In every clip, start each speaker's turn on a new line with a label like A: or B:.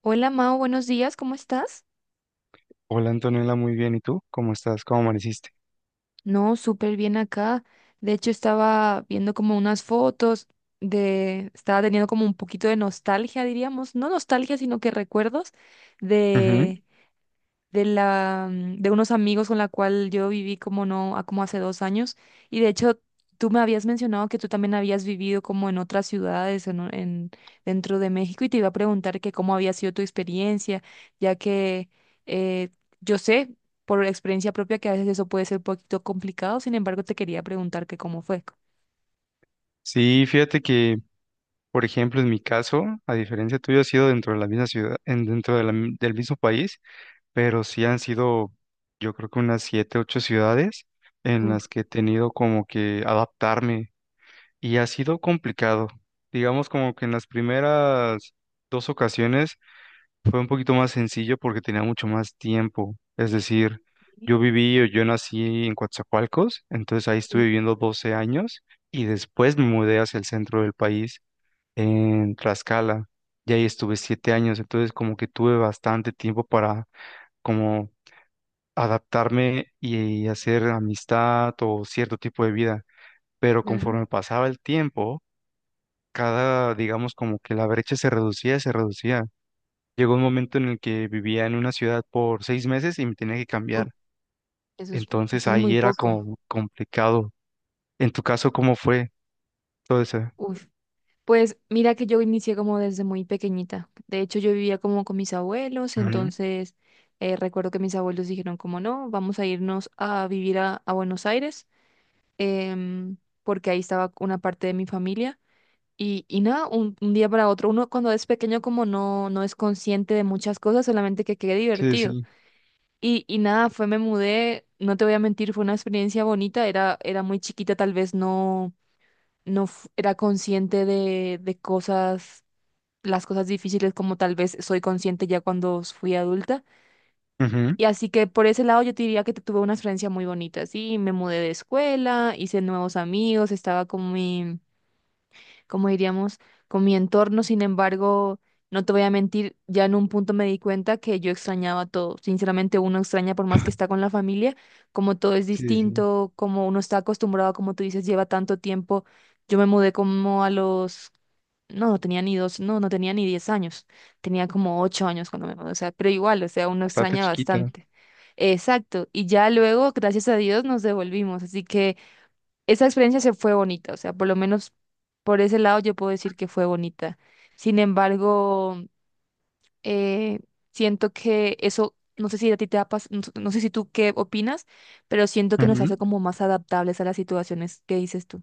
A: Hola Mao, buenos días, ¿cómo estás?
B: Hola Antonella, muy bien. ¿Y tú? ¿Cómo estás? ¿Cómo amaneciste?
A: No, súper bien acá. De hecho, estaba viendo como unas fotos estaba teniendo como un poquito de nostalgia, diríamos, no nostalgia, sino que recuerdos
B: Ujú.
A: de de la, de unos amigos con la cual yo viví como no, como hace 2 años. Y de hecho, tú me habías mencionado que tú también habías vivido como en otras ciudades dentro de México y te iba a preguntar que cómo había sido tu experiencia, ya que eh, yo sé por experiencia propia que a veces eso puede ser un poquito complicado. Sin embargo, te quería preguntar que cómo fue.
B: Sí, fíjate que, por ejemplo, en mi caso, a diferencia tuyo, ha sido dentro de la misma ciudad, dentro de la del mismo país, pero sí han sido, yo creo que unas siete, ocho ciudades en
A: Uf,
B: las que he tenido como que adaptarme y ha sido complicado. Digamos como que en las primeras dos ocasiones fue un poquito más sencillo porque tenía mucho más tiempo. Es decir,
A: sí,
B: yo viví o yo nací en Coatzacoalcos, entonces ahí estuve
A: sí,
B: viviendo 12 años y después me mudé hacia el centro del país, en Tlaxcala, y ahí estuve 7 años, entonces como que tuve bastante tiempo para como adaptarme y hacer amistad o cierto tipo de vida. Pero
A: claro.
B: conforme pasaba el tiempo, cada, digamos, como que la brecha se reducía, se reducía. Llegó un momento en el que vivía en una ciudad por 6 meses y me tenía que
A: Uf,
B: cambiar.
A: eso es,
B: Entonces
A: eso es muy
B: ahí era
A: poco.
B: como complicado. En tu caso, ¿cómo fue todo eso?
A: Uf. Pues mira que yo inicié como desde muy pequeñita. De hecho, yo vivía como con mis abuelos,
B: Ujú.
A: entonces recuerdo que mis abuelos dijeron como no, vamos a irnos a vivir a Buenos Aires, em, porque ahí estaba una parte de mi familia. Y nada, un día para otro, uno cuando es pequeño como no, no es consciente de muchas cosas, solamente que quede
B: Sí,
A: divertido.
B: sí.
A: Y nada, me mudé, no te voy a mentir, fue una experiencia bonita, era muy chiquita, tal vez no, era consciente de cosas las cosas difíciles como tal vez soy consciente ya cuando fui adulta.
B: Ujú.
A: Y así que por ese lado yo te diría que tuve una experiencia muy bonita, sí, me mudé de escuela, hice nuevos amigos, estaba con mi, como diríamos, con mi entorno. Sin embargo, no te voy a mentir, ya en un punto me di cuenta que yo extrañaba todo. Sinceramente, uno extraña por más que está con la familia, como todo es
B: Sí, sí.
A: distinto, como uno está acostumbrado, como tú dices, lleva tanto tiempo. Yo me mudé como a los... no, no tenía ni dos, no, no tenía ni 10 años. Tenía como 8 años cuando me mudé, o sea, pero igual, o sea, uno
B: Bastante
A: extraña
B: chiquita.
A: bastante. Exacto. Y ya luego, gracias a Dios, nos devolvimos. Así que esa experiencia se fue bonita, o sea, por lo menos por ese lado yo puedo decir que fue bonita. Sin embargo, eh, siento que eso, no sé si a ti te ha no, no sé si tú qué opinas, pero siento que nos hace
B: Ujú.
A: como más adaptables a las situaciones que dices tú.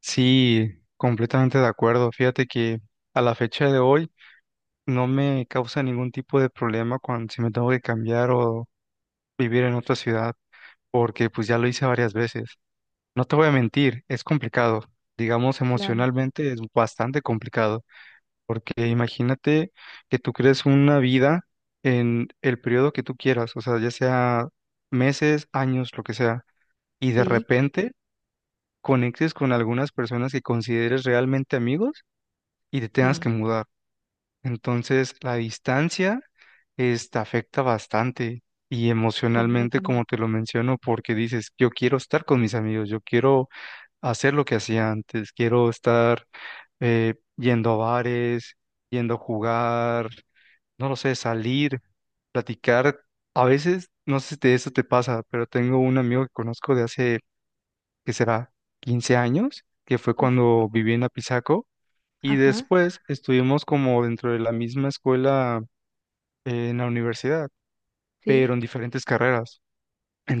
B: Sí, completamente de acuerdo. Fíjate que a la fecha de hoy no me causa ningún tipo de problema cuando si me tengo que cambiar o vivir en otra ciudad, porque pues ya lo hice varias veces. No te voy a mentir, es complicado. Digamos,
A: Claro,
B: emocionalmente es bastante complicado. Porque imagínate que tú crees una vida en el periodo que tú quieras, o sea, ya sea meses, años, lo que sea, y de
A: sí,
B: repente conectes con algunas personas que consideres realmente amigos y te tengas
A: sí,
B: que mudar. Entonces, la distancia te afecta bastante y emocionalmente,
A: completamente.
B: como te lo menciono, porque dices, yo quiero estar con mis amigos, yo quiero hacer lo que hacía antes, quiero estar yendo a bares, yendo a jugar, no lo sé, salir, platicar. A veces, no sé si eso te pasa, pero tengo un amigo que conozco de hace, ¿que será?, 15 años, que fue
A: Uf,
B: cuando viví en Apizaco, y
A: ajá,
B: después estuvimos como dentro de la misma escuela, en la universidad,
A: sí,
B: pero en diferentes carreras.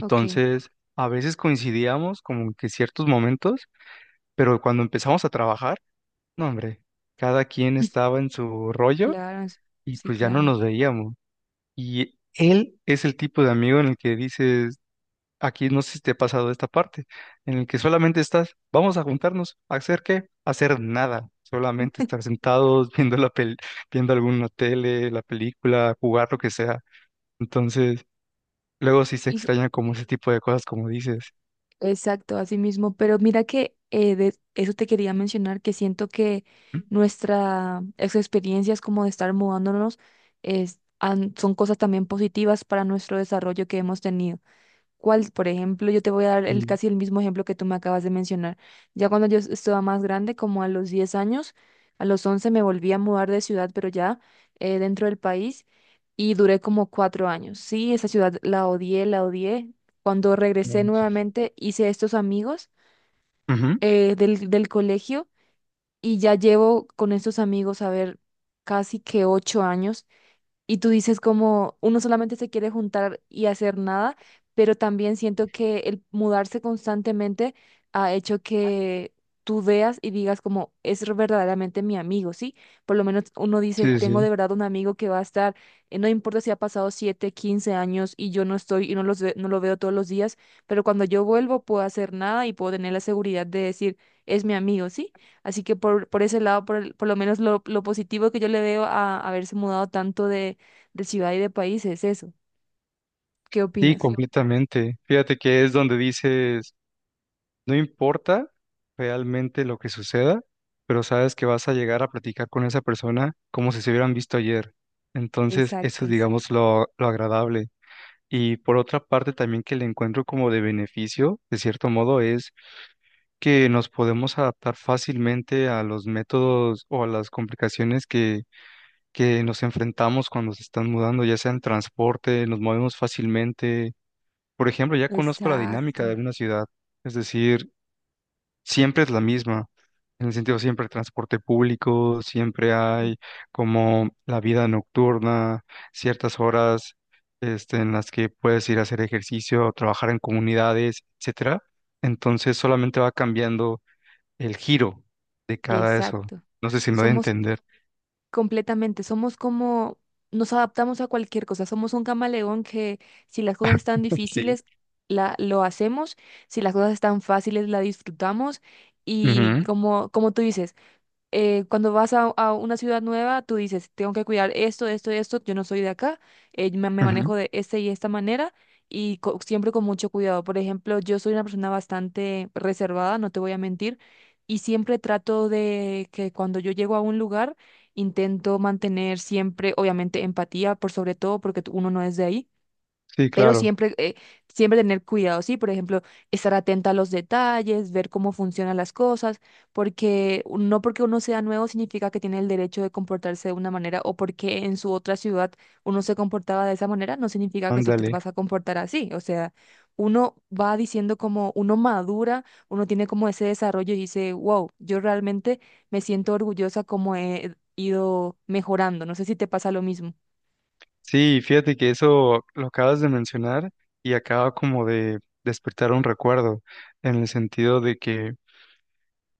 A: ok.
B: a veces coincidíamos como que ciertos momentos, pero cuando empezamos a trabajar, no, hombre, cada quien estaba en su rollo
A: Claro, es-
B: y
A: sí,
B: pues ya no
A: claro.
B: nos veíamos. Y él es el tipo de amigo en el que dices, aquí no sé si te ha pasado esta parte, en el que solamente estás, vamos a juntarnos, ¿a hacer qué? A hacer nada, solamente estar sentados viendo alguna tele, la película, jugar lo que sea. Entonces, luego sí se
A: Ujú.
B: extraña como ese tipo de cosas, como dices.
A: Exacto, así mismo. Pero mira que de eso te quería mencionar, que siento que nuestras experiencias como de estar mudándonos son cosas también positivas para nuestro desarrollo que hemos tenido. Cuál, por ejemplo, yo te voy a dar
B: Y,
A: casi el mismo ejemplo que tú me acabas de mencionar. Ya cuando yo estaba más grande, como a los 10 años, a los 11 me volví a mudar de ciudad, pero ya dentro del país, y duré como 4 años. Sí, esa ciudad la odié, la odié. Cuando
B: No,
A: regresé
B: sí.
A: nuevamente, hice estos amigos
B: Ujú,
A: del colegio y ya llevo con estos amigos, a ver, casi que 8 años. Y tú dices como uno solamente se quiere juntar y hacer nada, pero también siento que el mudarse constantemente ha hecho que tú veas y digas como es verdaderamente mi amigo, ¿sí? Por lo menos uno dice,
B: sí,
A: tengo de
B: sí,
A: verdad un amigo que va a estar, no importa si ha pasado 7 15 años y yo no estoy y no los no lo veo todos los días, pero cuando yo vuelvo puedo hacer nada y puedo tener la seguridad de decir, es mi amigo, ¿sí? Así que por ese lado, por lo menos lo positivo que yo le veo a haberse mudado tanto de ciudad y de país es eso. ¿Qué
B: sí,
A: opinas?
B: completamente. Fíjate que es donde dices. No importa realmente lo que suceda, pero sabes que vas a llegar a platicar con esa persona como si se hubieran visto ayer. Entonces, eso es,
A: Exacto,
B: digamos, lo agradable. Y por otra parte, también que le encuentro como de beneficio, de cierto modo, es que nos podemos adaptar fácilmente a los métodos o a las complicaciones que nos enfrentamos cuando se están mudando, ya sea en transporte, nos movemos fácilmente. Por ejemplo, ya conozco la dinámica de
A: exacto,
B: una ciudad. Es decir, siempre es la misma, en el sentido siempre hay transporte público, siempre
A: sí,
B: hay como la vida nocturna, ciertas horas en las que puedes ir a hacer ejercicio, o trabajar en comunidades, etcétera. Entonces solamente va cambiando el giro de cada eso.
A: exacto.
B: No sé si me voy a
A: Somos
B: entender.
A: completamente, somos como, nos adaptamos a cualquier cosa, somos un camaleón que si las cosas están
B: Sí.
A: difíciles, lo hacemos, si las cosas están fáciles, la disfrutamos y
B: Ujú,
A: como, como tú dices, cuando vas a una ciudad nueva, tú dices, tengo que cuidar esto, esto, esto, yo no soy de acá, me manejo
B: ujú.
A: de esta y esta manera y siempre con mucho cuidado. Por ejemplo, yo soy una persona bastante reservada, no te voy a mentir, y siempre trato de que cuando yo llego a un lugar, intento mantener siempre, obviamente, empatía, por sobre todo porque uno no es de ahí,
B: Sí,
A: pero
B: claro,
A: siempre, siempre tener cuidado, ¿sí? Por ejemplo, estar atenta a los detalles, ver cómo funcionan las cosas, porque no porque uno sea nuevo significa que tiene el derecho de comportarse de una manera, o porque en su otra ciudad uno se comportaba de esa manera, no significa que tú te
B: ándale.
A: vas a comportar así. O sea, uno va diciendo como uno madura, uno tiene como ese desarrollo y dice, wow, yo realmente me siento orgullosa como he ido mejorando. No sé si te pasa lo mismo.
B: Sí, fíjate que eso lo acabas de mencionar y acaba como de despertar un recuerdo, en el sentido de que,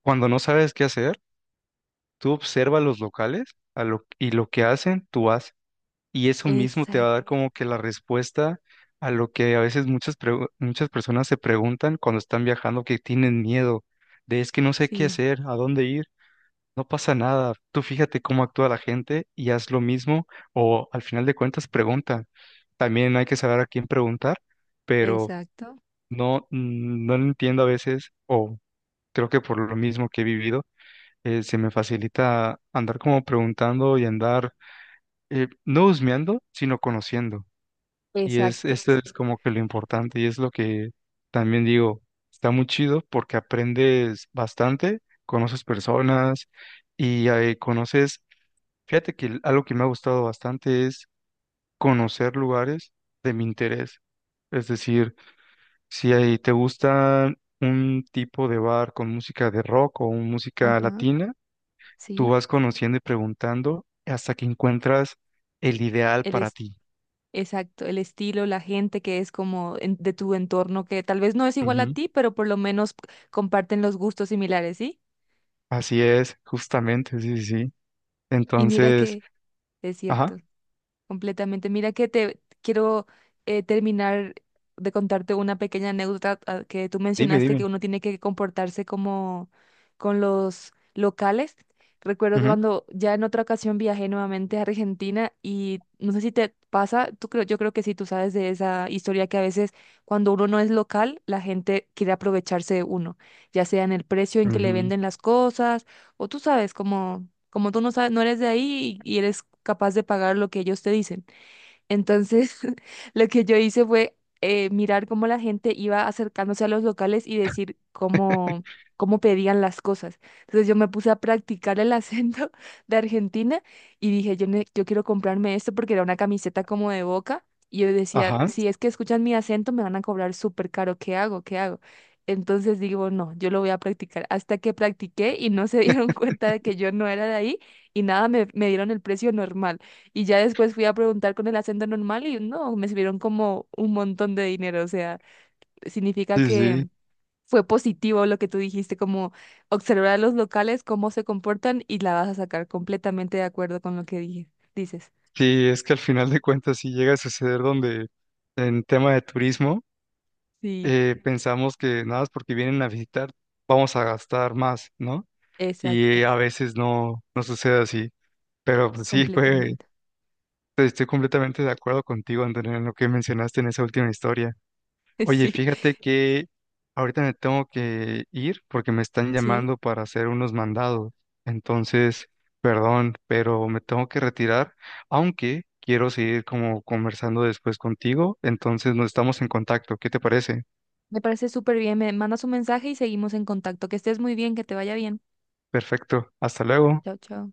B: cuando no sabes qué hacer, tú observa a los locales a lo, y lo que hacen, tú haces. Y eso mismo te va a
A: Exacto,
B: dar como que la respuesta a lo que a veces muchas personas se preguntan cuando están viajando, que tienen miedo de es que no sé qué
A: sí,
B: hacer, a dónde ir, no pasa nada. Tú fíjate cómo actúa la gente y haz lo mismo o al final de cuentas pregunta. También hay que saber a quién preguntar, pero
A: exacto.
B: no, no entiendo a veces o creo que por lo mismo que he vivido, se me facilita andar como preguntando y andar, no husmeando, sino conociendo. Y es,
A: Exacto,
B: esto es como que lo importante y es lo que también digo, está muy chido porque aprendes bastante, conoces personas y conoces, fíjate que algo que me ha gustado bastante es conocer lugares de mi interés. Es decir, si ahí te gusta un tipo de bar con música de rock o música
A: ajá,
B: latina, tú
A: sí,
B: vas conociendo y preguntando hasta que encuentras el ideal
A: el
B: para
A: es-
B: ti.
A: exacto, el estilo, la gente que es como de tu entorno que tal vez no es igual a
B: Ujú.
A: ti, pero por lo menos comparten los gustos similares, ¿sí?
B: Así es, justamente, sí, sí, sí.
A: Y mira
B: Entonces,
A: que es cierto.
B: ajá,
A: Completamente. Mira que te quiero terminar de contarte una pequeña anécdota, ah, que tú
B: dime,
A: mencionaste que
B: dime.
A: uno tiene que comportarse como con los locales. Recuerdo que cuando ya en otra ocasión viajé nuevamente a Argentina, y no sé si te pasa, tú creo, yo creo que sí, tú sabes de esa historia que a veces cuando uno no es local, la gente quiere aprovecharse de uno, ya sea en el precio en
B: Ujú,
A: que le
B: ujú.
A: venden las cosas, o tú sabes, como, como tú no sabes, no eres de ahí y eres capaz de pagar lo que ellos te dicen. Entonces, lo que yo hice fue mirar cómo la gente iba acercándose a los locales y decir cómo pedían las cosas. Entonces, yo me puse a practicar el acento de Argentina y dije, yo, yo quiero comprarme esto porque era una camiseta como de Boca. Y yo decía,
B: Ajá,
A: si es que escuchan mi acento, me van a cobrar súper caro. ¿Qué hago? ¿Qué hago? Entonces digo, no, yo lo voy a practicar. Hasta que practiqué y no se dieron cuenta de que yo no era de ahí y nada, me dieron el precio normal. Y ya después fui a preguntar con el acento normal y no, me subieron como un montón de dinero. O sea, significa
B: sí, sí.
A: que fue positivo lo que tú dijiste, como observar a los locales, cómo se comportan, y la vas a sacar completamente de acuerdo con lo que dije, dices.
B: Sí, es que al final de cuentas sí llega a suceder donde en tema de turismo,
A: Sí,
B: pensamos que nada más porque vienen a visitar vamos a gastar más, ¿no? Y
A: exacto,
B: a veces no, no sucede así. Pero pues, sí, fue
A: completamente.
B: pues, estoy completamente de acuerdo contigo, Antonio, en lo que mencionaste en esa última historia. Oye,
A: Sí,
B: fíjate que ahorita me tengo que ir porque me están
A: sí.
B: llamando para hacer unos mandados. Entonces, perdón, pero me tengo que retirar, aunque quiero seguir como conversando después contigo. Entonces, nos estamos en contacto. ¿Qué te parece?
A: Me parece súper bien. Me mandas un mensaje y seguimos en contacto. Que estés muy bien, que te vaya bien.
B: Perfecto. Hasta luego.
A: Chao, chao.